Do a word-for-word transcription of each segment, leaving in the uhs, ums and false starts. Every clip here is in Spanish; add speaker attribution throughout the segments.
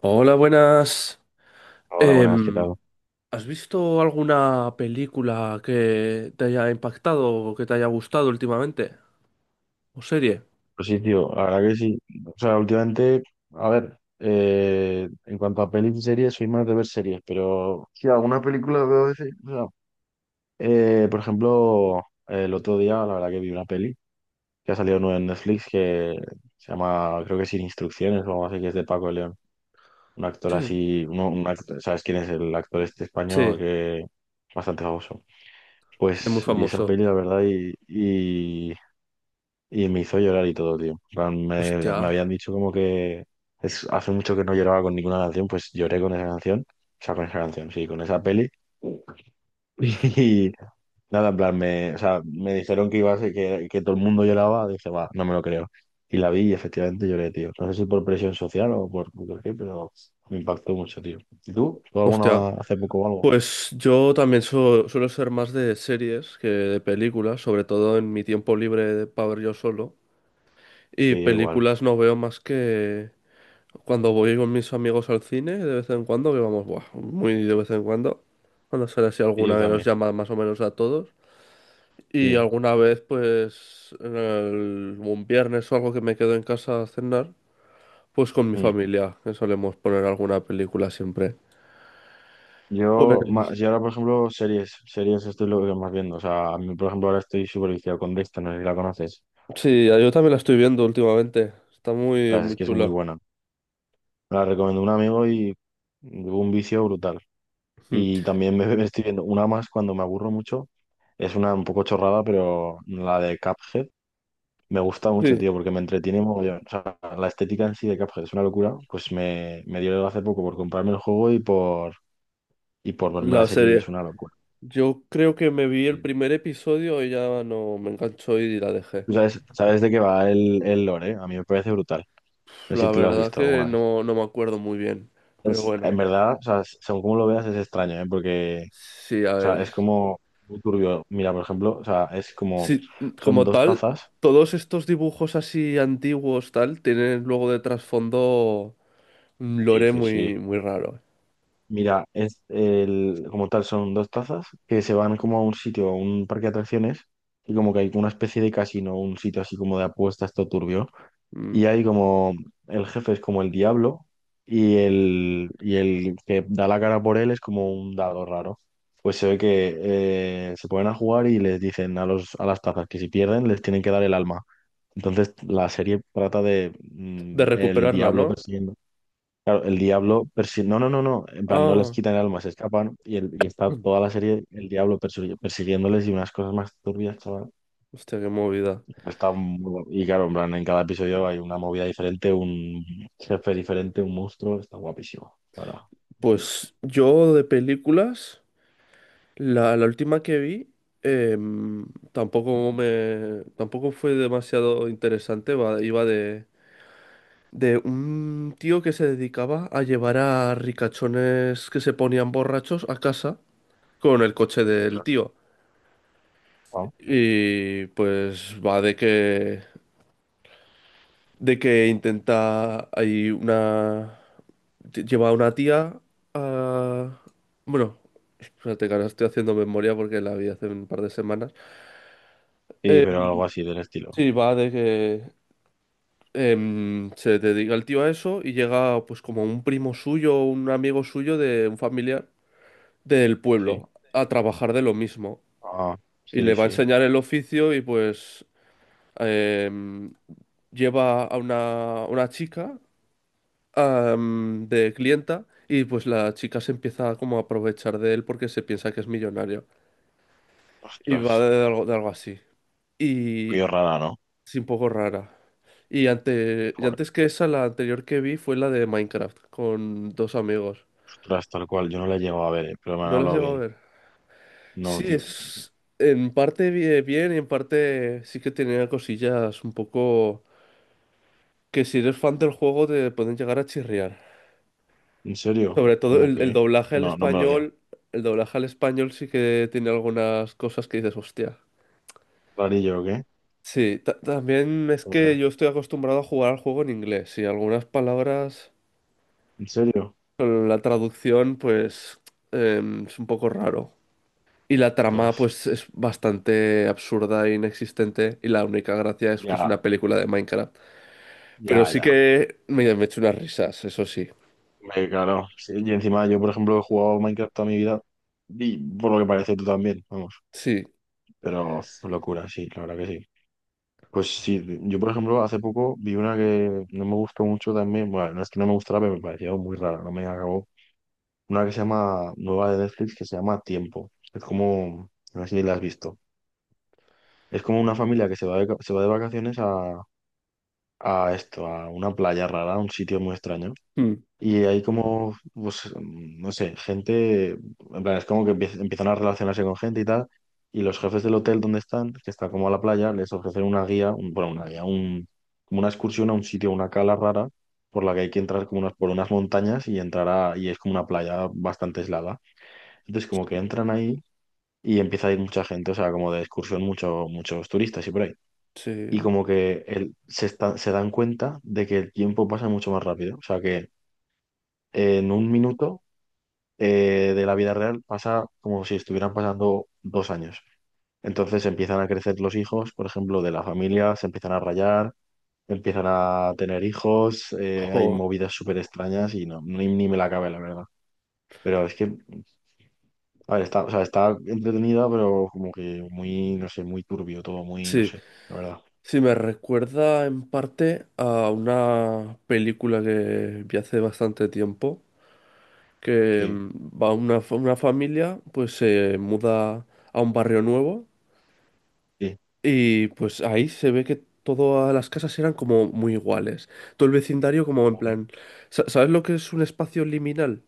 Speaker 1: Hola, buenas.
Speaker 2: Hola, buenas, ¿qué
Speaker 1: Em,
Speaker 2: tal?
Speaker 1: ¿has visto alguna película que te haya impactado o que te haya gustado últimamente? ¿O serie?
Speaker 2: Pues sí, tío, la verdad que sí. O sea, últimamente, a ver, eh, en cuanto a pelis y series, soy más de ver series, pero sí, alguna película veo de series. O sea, eh, por ejemplo, el otro día, la verdad que vi una peli que ha salido nueva en Netflix que se llama, creo que Sin Instrucciones o algo así, que es de Paco de León. Un actor
Speaker 1: Sí.
Speaker 2: así, uno, un actor, ¿sabes quién es el actor este
Speaker 1: Sí,
Speaker 2: español
Speaker 1: es
Speaker 2: que es bastante famoso?
Speaker 1: muy
Speaker 2: Pues vi esa
Speaker 1: famoso.
Speaker 2: peli, la verdad, y Y me hizo llorar y todo, tío. En plan, Me, me
Speaker 1: Hostia,
Speaker 2: habían dicho como que es, hace mucho que no lloraba con ninguna canción, pues lloré con esa canción. O sea, con esa canción, sí, con esa peli. Y nada, en plan, me, o sea, me dijeron que iba a ser que, que todo el mundo lloraba. Dije, va, no me lo creo. Y la vi y efectivamente lloré, tío. No sé si por presión social o por, por qué, pero me impactó mucho, tío. ¿Y tú? ¿Tú
Speaker 1: hostia.
Speaker 2: alguna hace poco o algo?
Speaker 1: Pues yo también su- suelo ser más de series que de películas, sobre todo en mi tiempo libre para ver yo solo. Y
Speaker 2: Sí, yo igual.
Speaker 1: películas no veo más que cuando voy con mis amigos al cine, de vez en cuando, que vamos, buah, muy de vez en cuando, cuando sale así
Speaker 2: Sí, yo
Speaker 1: alguna que nos
Speaker 2: también.
Speaker 1: llama más o menos a todos, y
Speaker 2: Sí.
Speaker 1: alguna vez, pues, en el- un viernes o algo que me quedo en casa a cenar, pues con mi
Speaker 2: Mm.
Speaker 1: familia, que solemos poner alguna película siempre.
Speaker 2: Yo, ma-
Speaker 1: Pues
Speaker 2: yo ahora, por ejemplo, series, series esto es lo que más viendo. O sea, a mí, por ejemplo, ahora estoy súper viciado con Dexter, no sé si la conoces.
Speaker 1: sí, yo también la estoy viendo últimamente, está
Speaker 2: La
Speaker 1: muy,
Speaker 2: verdad
Speaker 1: muy
Speaker 2: es que es muy
Speaker 1: chula.
Speaker 2: buena. Me la recomendó un amigo y hubo un vicio brutal.
Speaker 1: Mm.
Speaker 2: Y también me, me estoy viendo una más cuando me aburro mucho. Es una un poco chorrada, pero la de Cuphead me gusta mucho,
Speaker 1: Sí,
Speaker 2: tío, porque me entretiene mogollón. O sea, la estética en sí de Cuphead es una locura. Pues me, me dio hace poco por comprarme el juego y por, y por verme la
Speaker 1: la
Speaker 2: serie y es
Speaker 1: serie.
Speaker 2: una locura.
Speaker 1: Yo creo que me vi el
Speaker 2: Sí.
Speaker 1: primer episodio y ya no me enganchó y la dejé.
Speaker 2: Tú sabes, ¿sabes de qué va el, el lore, eh? A mí me parece brutal. No sé si
Speaker 1: La
Speaker 2: te lo has
Speaker 1: verdad
Speaker 2: visto
Speaker 1: que
Speaker 2: alguna vez.
Speaker 1: no, no me acuerdo muy bien, pero
Speaker 2: Es-
Speaker 1: bueno,
Speaker 2: en verdad, o sea, según como lo veas, es extraño, ¿eh? Porque,
Speaker 1: sí,
Speaker 2: o
Speaker 1: a
Speaker 2: sea,
Speaker 1: ver.
Speaker 2: es como muy turbio. Mira, por ejemplo, o sea, es como,
Speaker 1: Sí,
Speaker 2: son
Speaker 1: como
Speaker 2: dos
Speaker 1: tal,
Speaker 2: tazas.
Speaker 1: todos estos dibujos así antiguos, tal, tienen luego de trasfondo un
Speaker 2: Sí,
Speaker 1: lore
Speaker 2: sí,
Speaker 1: muy,
Speaker 2: sí.
Speaker 1: muy raro.
Speaker 2: Mira, es el, como tal, son dos tazas que se van como a un sitio, a un parque de atracciones, y como que hay una especie de casino, un sitio así como de apuestas, todo turbio.
Speaker 1: Mm.
Speaker 2: Y hay como el jefe es como el diablo y el, y el que da la cara por él es como un dado raro. Pues se ve que eh, se ponen a jugar y les dicen a los, a las tazas que si pierden les tienen que dar el alma. Entonces la serie trata de
Speaker 1: De
Speaker 2: mm, el
Speaker 1: recuperarla,
Speaker 2: diablo
Speaker 1: ¿no?
Speaker 2: persiguiendo. Claro, el diablo persiguiendo. No, no, no, no. En plan, no les
Speaker 1: Ah,
Speaker 2: quitan el alma, se escapan y, el, y está
Speaker 1: mm,
Speaker 2: toda la serie el diablo persi- persiguiéndoles y unas cosas más turbias, chaval.
Speaker 1: hostia, qué movida.
Speaker 2: Está muy... Y claro, en plan, en cada episodio hay una movida diferente, un jefe diferente, un monstruo. Está guapísimo, la ¿verdad?
Speaker 1: Pues yo de películas, la, la última que vi, em, tampoco me, tampoco fue demasiado interesante, va- iba de de un tío que se dedicaba a llevar a ricachones que se ponían borrachos a casa con el coche del
Speaker 2: Ostras.
Speaker 1: tío.
Speaker 2: Ah,
Speaker 1: Y pues va de que de que intenta hay una lle- lleva a una tía a bueno, espérate que ahora estoy haciendo memoria porque la vi hace un par de semanas.
Speaker 2: y, pero algo así del estilo.
Speaker 1: Sí, va de que em, se dedica el tío a eso y llega pues como un primo suyo, un amigo suyo de un familiar del
Speaker 2: Sí.
Speaker 1: pueblo a trabajar de lo mismo
Speaker 2: Ah,
Speaker 1: y
Speaker 2: sí,
Speaker 1: le va a
Speaker 2: sí.
Speaker 1: enseñar el oficio y pues em, lleva a una, una chica am, de clienta y pues la chica se empieza como a aprovechar de él porque se piensa que es millonario y
Speaker 2: Ostras.
Speaker 1: va de, algo, de algo así y
Speaker 2: Qué rara, ¿no?
Speaker 1: es un poco rara. Y, ante, y
Speaker 2: Joder.
Speaker 1: antes que esa, la anterior que vi fue la de Minecraft con dos amigos.
Speaker 2: Ostras, tal cual. Yo no la he llegado a ver, eh, pero me han
Speaker 1: ¿No la has
Speaker 2: hablado
Speaker 1: llegado a
Speaker 2: bien.
Speaker 1: ver?
Speaker 2: No,
Speaker 1: Sí,
Speaker 2: tío.
Speaker 1: es en parte bi- bien y en parte sí que tenía cosillas un poco que si eres fan del juego te pueden llegar a chirriar.
Speaker 2: ¿En serio?
Speaker 1: Sobre todo
Speaker 2: ¿Cómo
Speaker 1: el, el
Speaker 2: que?
Speaker 1: doblaje al
Speaker 2: No, no me lo digas.
Speaker 1: español, el doblaje al español sí que tiene algunas cosas que dices, hostia.
Speaker 2: ¿Rarillo o qué?
Speaker 1: Sí, ta- también es que
Speaker 2: Joder.
Speaker 1: yo estoy acostumbrado a jugar al juego en inglés y algunas palabras
Speaker 2: ¿En serio?
Speaker 1: con la traducción pues em, es un poco raro. Y la trama,
Speaker 2: Ostras.
Speaker 1: pues, es bastante absurda e inexistente. Y la única gracia es que es
Speaker 2: Ya,
Speaker 1: una película de Minecraft. Pero
Speaker 2: ya,
Speaker 1: sí
Speaker 2: ya.
Speaker 1: que me, me he hecho unas risas, eso sí.
Speaker 2: Eh, claro, sí, y encima yo, por ejemplo, he jugado Minecraft toda mi vida y por lo que parece tú también, vamos,
Speaker 1: Sí.
Speaker 2: pero locura, sí, la verdad que sí. Pues sí, yo, por ejemplo, hace poco vi una que no me gustó mucho también, bueno, no es que no me gustara, pero me pareció muy rara, no me acabó. Una que se llama, nueva de Netflix, que se llama Tiempo. Es como, no sé si la has visto. Es como una familia que se va de, se va de vacaciones a, a esto, a una playa rara, a un sitio muy extraño.
Speaker 1: Mm.
Speaker 2: Y hay como, pues, mm, no sé, gente, en plan, es como que empie- empiezan a relacionarse con gente y tal, y los jefes del hotel donde están, que está como a la playa, les ofrecen una guía, un- bueno, una guía, un, como una excursión a un sitio, una cala rara, por la que hay que entrar como unas, por unas montañas y entrar a, y es como una playa bastante aislada. Entonces como que entran ahí y empieza a ir mucha gente, o sea, como de excursión mucho, muchos turistas y por ahí. Y
Speaker 1: Sí.
Speaker 2: como que el- se, está- se dan cuenta de que el tiempo pasa mucho más rápido, o sea que en un minuto eh, de la vida real pasa como si estuvieran pasando dos años. Entonces empiezan a crecer los hijos, por ejemplo, de la familia, se empiezan a rayar, empiezan a tener hijos, eh,
Speaker 1: Jo,
Speaker 2: hay movidas súper extrañas y no, ni, ni me la cabe, la verdad. Pero es que, a ver, está, o sea, está entretenida, pero como que muy, no sé, muy turbio todo, muy, no
Speaker 1: sí.
Speaker 2: sé, la verdad.
Speaker 1: Sí, me recuerda en parte a una película que vi hace bastante tiempo. Que
Speaker 2: Sí,
Speaker 1: mm, va una, fa- una familia, pues se muda a un barrio nuevo.
Speaker 2: sí.
Speaker 1: Y pues ahí se ve que todas las casas eran como muy iguales. Todo el vecindario como en
Speaker 2: Vale.
Speaker 1: plan... sa- ¿Sabes lo que es un espacio liminal?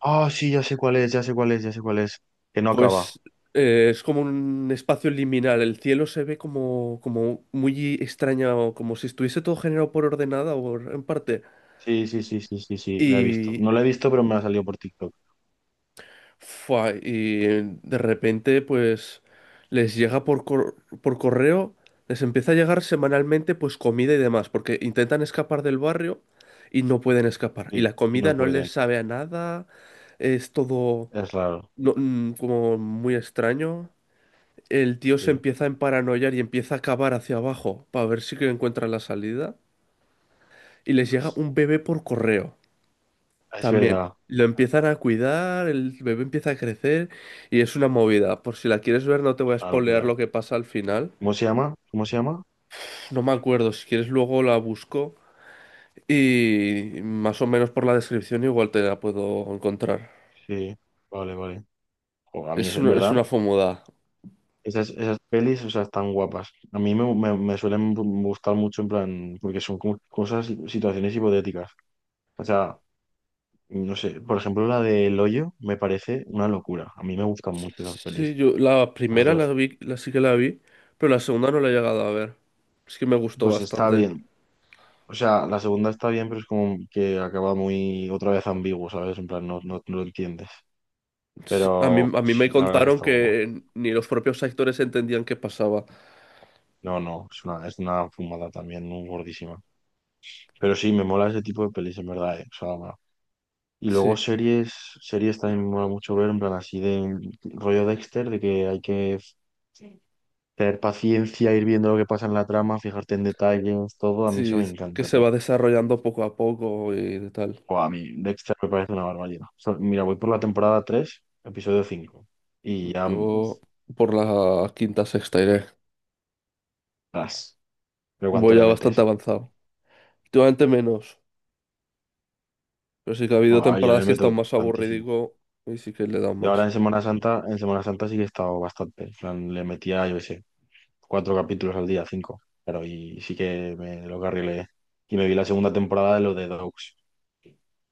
Speaker 2: Ah, sí, ya sé cuál es, ya sé cuál es, ya sé cuál es. Que no acaba.
Speaker 1: Pues eh, es como un espacio liminal. El cielo se ve como, como muy extraño como si estuviese todo generado por ordenada o en parte.
Speaker 2: Sí, sí, sí, sí, sí, sí, la he visto. No la he visto, pero me ha salido por TikTok.
Speaker 1: Fua, y eh, de repente, pues, les llega por, cor- por correo, les empieza a llegar semanalmente, pues, comida y demás, porque intentan escapar del barrio y no pueden escapar. Y
Speaker 2: Sí,
Speaker 1: la
Speaker 2: y no
Speaker 1: comida no
Speaker 2: pueden.
Speaker 1: les sabe a nada, es todo
Speaker 2: Es raro,
Speaker 1: no- mm, como muy extraño. El tío se
Speaker 2: sí.
Speaker 1: empieza a emparanoiar y empieza a cavar hacia abajo para ver si que encuentra la salida. Y les llega un bebé por correo.
Speaker 2: Es
Speaker 1: También
Speaker 2: verdad,
Speaker 1: lo empiezan
Speaker 2: también.
Speaker 1: a cuidar, el bebé empieza a crecer y es una movida. Por si la quieres ver, no te
Speaker 2: Es
Speaker 1: voy a
Speaker 2: una
Speaker 1: spoilear
Speaker 2: locura, ¿eh?
Speaker 1: lo que pasa al final.
Speaker 2: ¿Cómo se llama? ¿Cómo se llama?
Speaker 1: No me acuerdo, si quieres luego la busco y más o menos por la descripción igual te la puedo encontrar.
Speaker 2: Sí, vale, vale. Jo, a mí, es-
Speaker 1: Es
Speaker 2: en
Speaker 1: una, es
Speaker 2: verdad,
Speaker 1: una fomuda.
Speaker 2: esas, esas pelis, o sea, están guapas. A mí me, me- me suelen gustar mucho, en plan, porque son como cosas, situaciones hipotéticas. O sea, no sé, por ejemplo, la de el hoyo me parece una locura. A mí me gustan mucho esas
Speaker 1: Sí,
Speaker 2: pelis,
Speaker 1: yo la
Speaker 2: las
Speaker 1: primera la
Speaker 2: dos.
Speaker 1: vi, la sí que la vi, pero la segunda no la he llegado a ver. Es que me gustó
Speaker 2: Pues está
Speaker 1: bastante.
Speaker 2: bien. O sea, la segunda está bien, pero es como que acaba muy otra vez ambiguo, ¿sabes? En plan, no, no, no lo entiendes.
Speaker 1: Sí, a mí,
Speaker 2: Pero
Speaker 1: a mí me
Speaker 2: sí, la verdad que
Speaker 1: contaron
Speaker 2: está guapo.
Speaker 1: que ni los propios actores entendían qué pasaba.
Speaker 2: No, no, es una, es una fumada también, muy gordísima. Pero sí, me mola ese tipo de pelis, en verdad, eh, o sea, va. Y
Speaker 1: Sí.
Speaker 2: luego series, series también me mola mucho ver, en plan así de rollo Dexter, de que hay que Sí. tener paciencia, ir viendo lo que pasa en la trama, fijarte en detalles, todo. A mí eso
Speaker 1: Sí,
Speaker 2: me
Speaker 1: es que
Speaker 2: encanta,
Speaker 1: se
Speaker 2: tío.
Speaker 1: va desarrollando poco a poco y tal.
Speaker 2: Buah, a mí Dexter me parece una barbaridad. O sea, mira, voy por la temporada tres episodio cinco y ya... mm,
Speaker 1: Yo por la quinta, sexta iré.
Speaker 2: as. Pero ¿cuánto
Speaker 1: Voy
Speaker 2: le
Speaker 1: ya
Speaker 2: metes?
Speaker 1: bastante avanzado. Últimamente menos, pero sí que ha
Speaker 2: O,
Speaker 1: habido
Speaker 2: a ver, yo le
Speaker 1: temporadas que he
Speaker 2: meto
Speaker 1: estado más
Speaker 2: tantísimo.
Speaker 1: aburridico y sí que le he dado
Speaker 2: Y ahora
Speaker 1: más.
Speaker 2: en Semana Santa, en Semana Santa sí que he estado bastante. En plan, le metía, yo qué sé, cuatro capítulos al día, cinco. Pero y sí que me lo carrilé. Y me vi la segunda temporada de lo de Dogs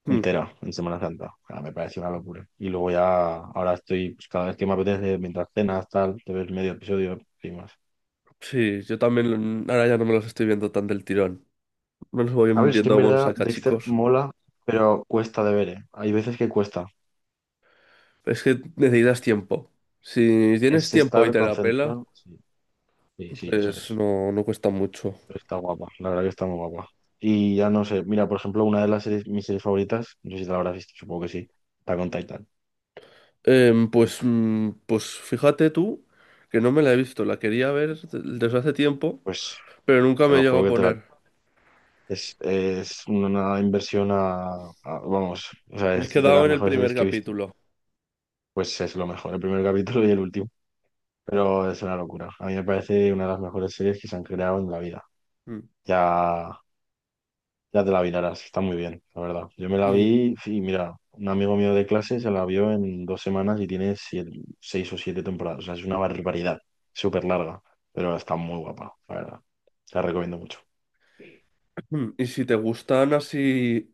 Speaker 1: Hmm.
Speaker 2: entera en Semana Santa. Ah, me pareció una locura. Y luego ya, ahora estoy, pues cada vez que me apetece, mientras cenas, tal, te ves medio episodio y más.
Speaker 1: Sí, yo también ahora ya no me los estoy viendo tan del tirón. Me los voy
Speaker 2: A ver, es que
Speaker 1: viendo
Speaker 2: en
Speaker 1: como
Speaker 2: verdad
Speaker 1: saca
Speaker 2: Dexter
Speaker 1: chicos.
Speaker 2: mola, pero cuesta de ver, ¿eh? Hay veces que cuesta.
Speaker 1: Es que necesitas tiempo. Si tienes
Speaker 2: Es
Speaker 1: tiempo y
Speaker 2: estar
Speaker 1: te la pela,
Speaker 2: concentrado. Sí, sí, sí, eso
Speaker 1: pues
Speaker 2: es.
Speaker 1: no, no cuesta mucho.
Speaker 2: Está guapa, la verdad que está muy guapa. Y ya no sé, mira, por ejemplo, una de las series, mis series favoritas, no sé si te la habrás visto, supongo que sí, está con Titan.
Speaker 1: Em, pues, mm, pues fíjate tú que no me la he visto, la quería ver desde hace tiempo,
Speaker 2: Pues
Speaker 1: pero nunca
Speaker 2: te
Speaker 1: me he
Speaker 2: lo
Speaker 1: llegado
Speaker 2: juro
Speaker 1: a
Speaker 2: que te la...
Speaker 1: poner.
Speaker 2: Es, es una inversión a, a- Vamos, o sea,
Speaker 1: Me he
Speaker 2: es de
Speaker 1: quedado
Speaker 2: las
Speaker 1: en el
Speaker 2: mejores
Speaker 1: primer
Speaker 2: series que he visto.
Speaker 1: capítulo.
Speaker 2: Pues es lo mejor, el primer capítulo y el último. Pero es una locura. A mí me parece una de las mejores series que se han creado en la vida.
Speaker 1: Mm.
Speaker 2: Ya ya te la vi, Lara, sí, está muy bien, la verdad. Yo me la
Speaker 1: Y,
Speaker 2: vi, y mira, un amigo mío de clase se la vio en dos semanas y tiene siete- seis o siete temporadas. O sea, es una barbaridad, súper larga, pero está muy guapa, la verdad. Te la recomiendo mucho. Sí,
Speaker 1: y si te gustan así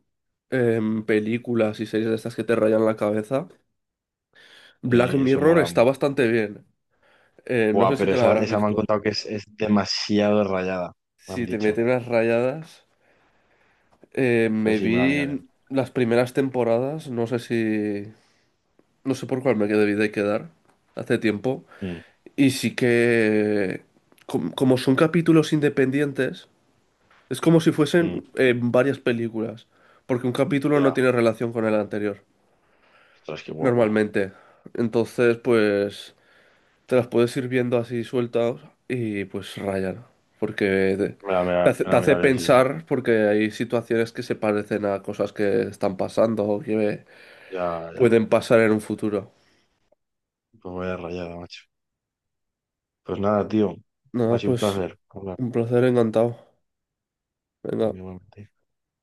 Speaker 1: em, películas y series de estas que te rayan la cabeza, Black
Speaker 2: eso
Speaker 1: Mirror
Speaker 2: mola
Speaker 1: está
Speaker 2: mucho.
Speaker 1: bastante bien. Eh, no
Speaker 2: Buah,
Speaker 1: sé si
Speaker 2: pero
Speaker 1: te la
Speaker 2: esa,
Speaker 1: habrás
Speaker 2: esa me han
Speaker 1: visto.
Speaker 2: contado que es, es demasiado rayada, me han
Speaker 1: Si te
Speaker 2: dicho.
Speaker 1: meten unas rayadas, eh,
Speaker 2: Pues
Speaker 1: me
Speaker 2: sí, me la miraré.
Speaker 1: vi las primeras temporadas, no sé si, no sé por cuál me quedé, debí de quedar hace tiempo.
Speaker 2: Mm,
Speaker 1: Y sí que, com- como son capítulos independientes, es como si
Speaker 2: mm,
Speaker 1: fuesen eh, varias películas, porque un capítulo no
Speaker 2: ya,
Speaker 1: tiene relación con el anterior,
Speaker 2: ostras, qué guapo.
Speaker 1: normalmente. Entonces, pues, te las puedes ir viendo así sueltas y pues rayan, porque te,
Speaker 2: Me la, me
Speaker 1: te
Speaker 2: la-
Speaker 1: hace,
Speaker 2: me
Speaker 1: te
Speaker 2: la
Speaker 1: hace
Speaker 2: miraré, sí, sí.
Speaker 1: pensar, porque hay situaciones que se parecen a cosas que están pasando o que
Speaker 2: Ya, ya.
Speaker 1: pueden pasar en un futuro.
Speaker 2: Pues voy a rayada, macho. Pues nada, tío, ha
Speaker 1: Nada,
Speaker 2: sido un
Speaker 1: pues,
Speaker 2: placer hablar.
Speaker 1: un placer, encantado. Venga.
Speaker 2: Igualmente.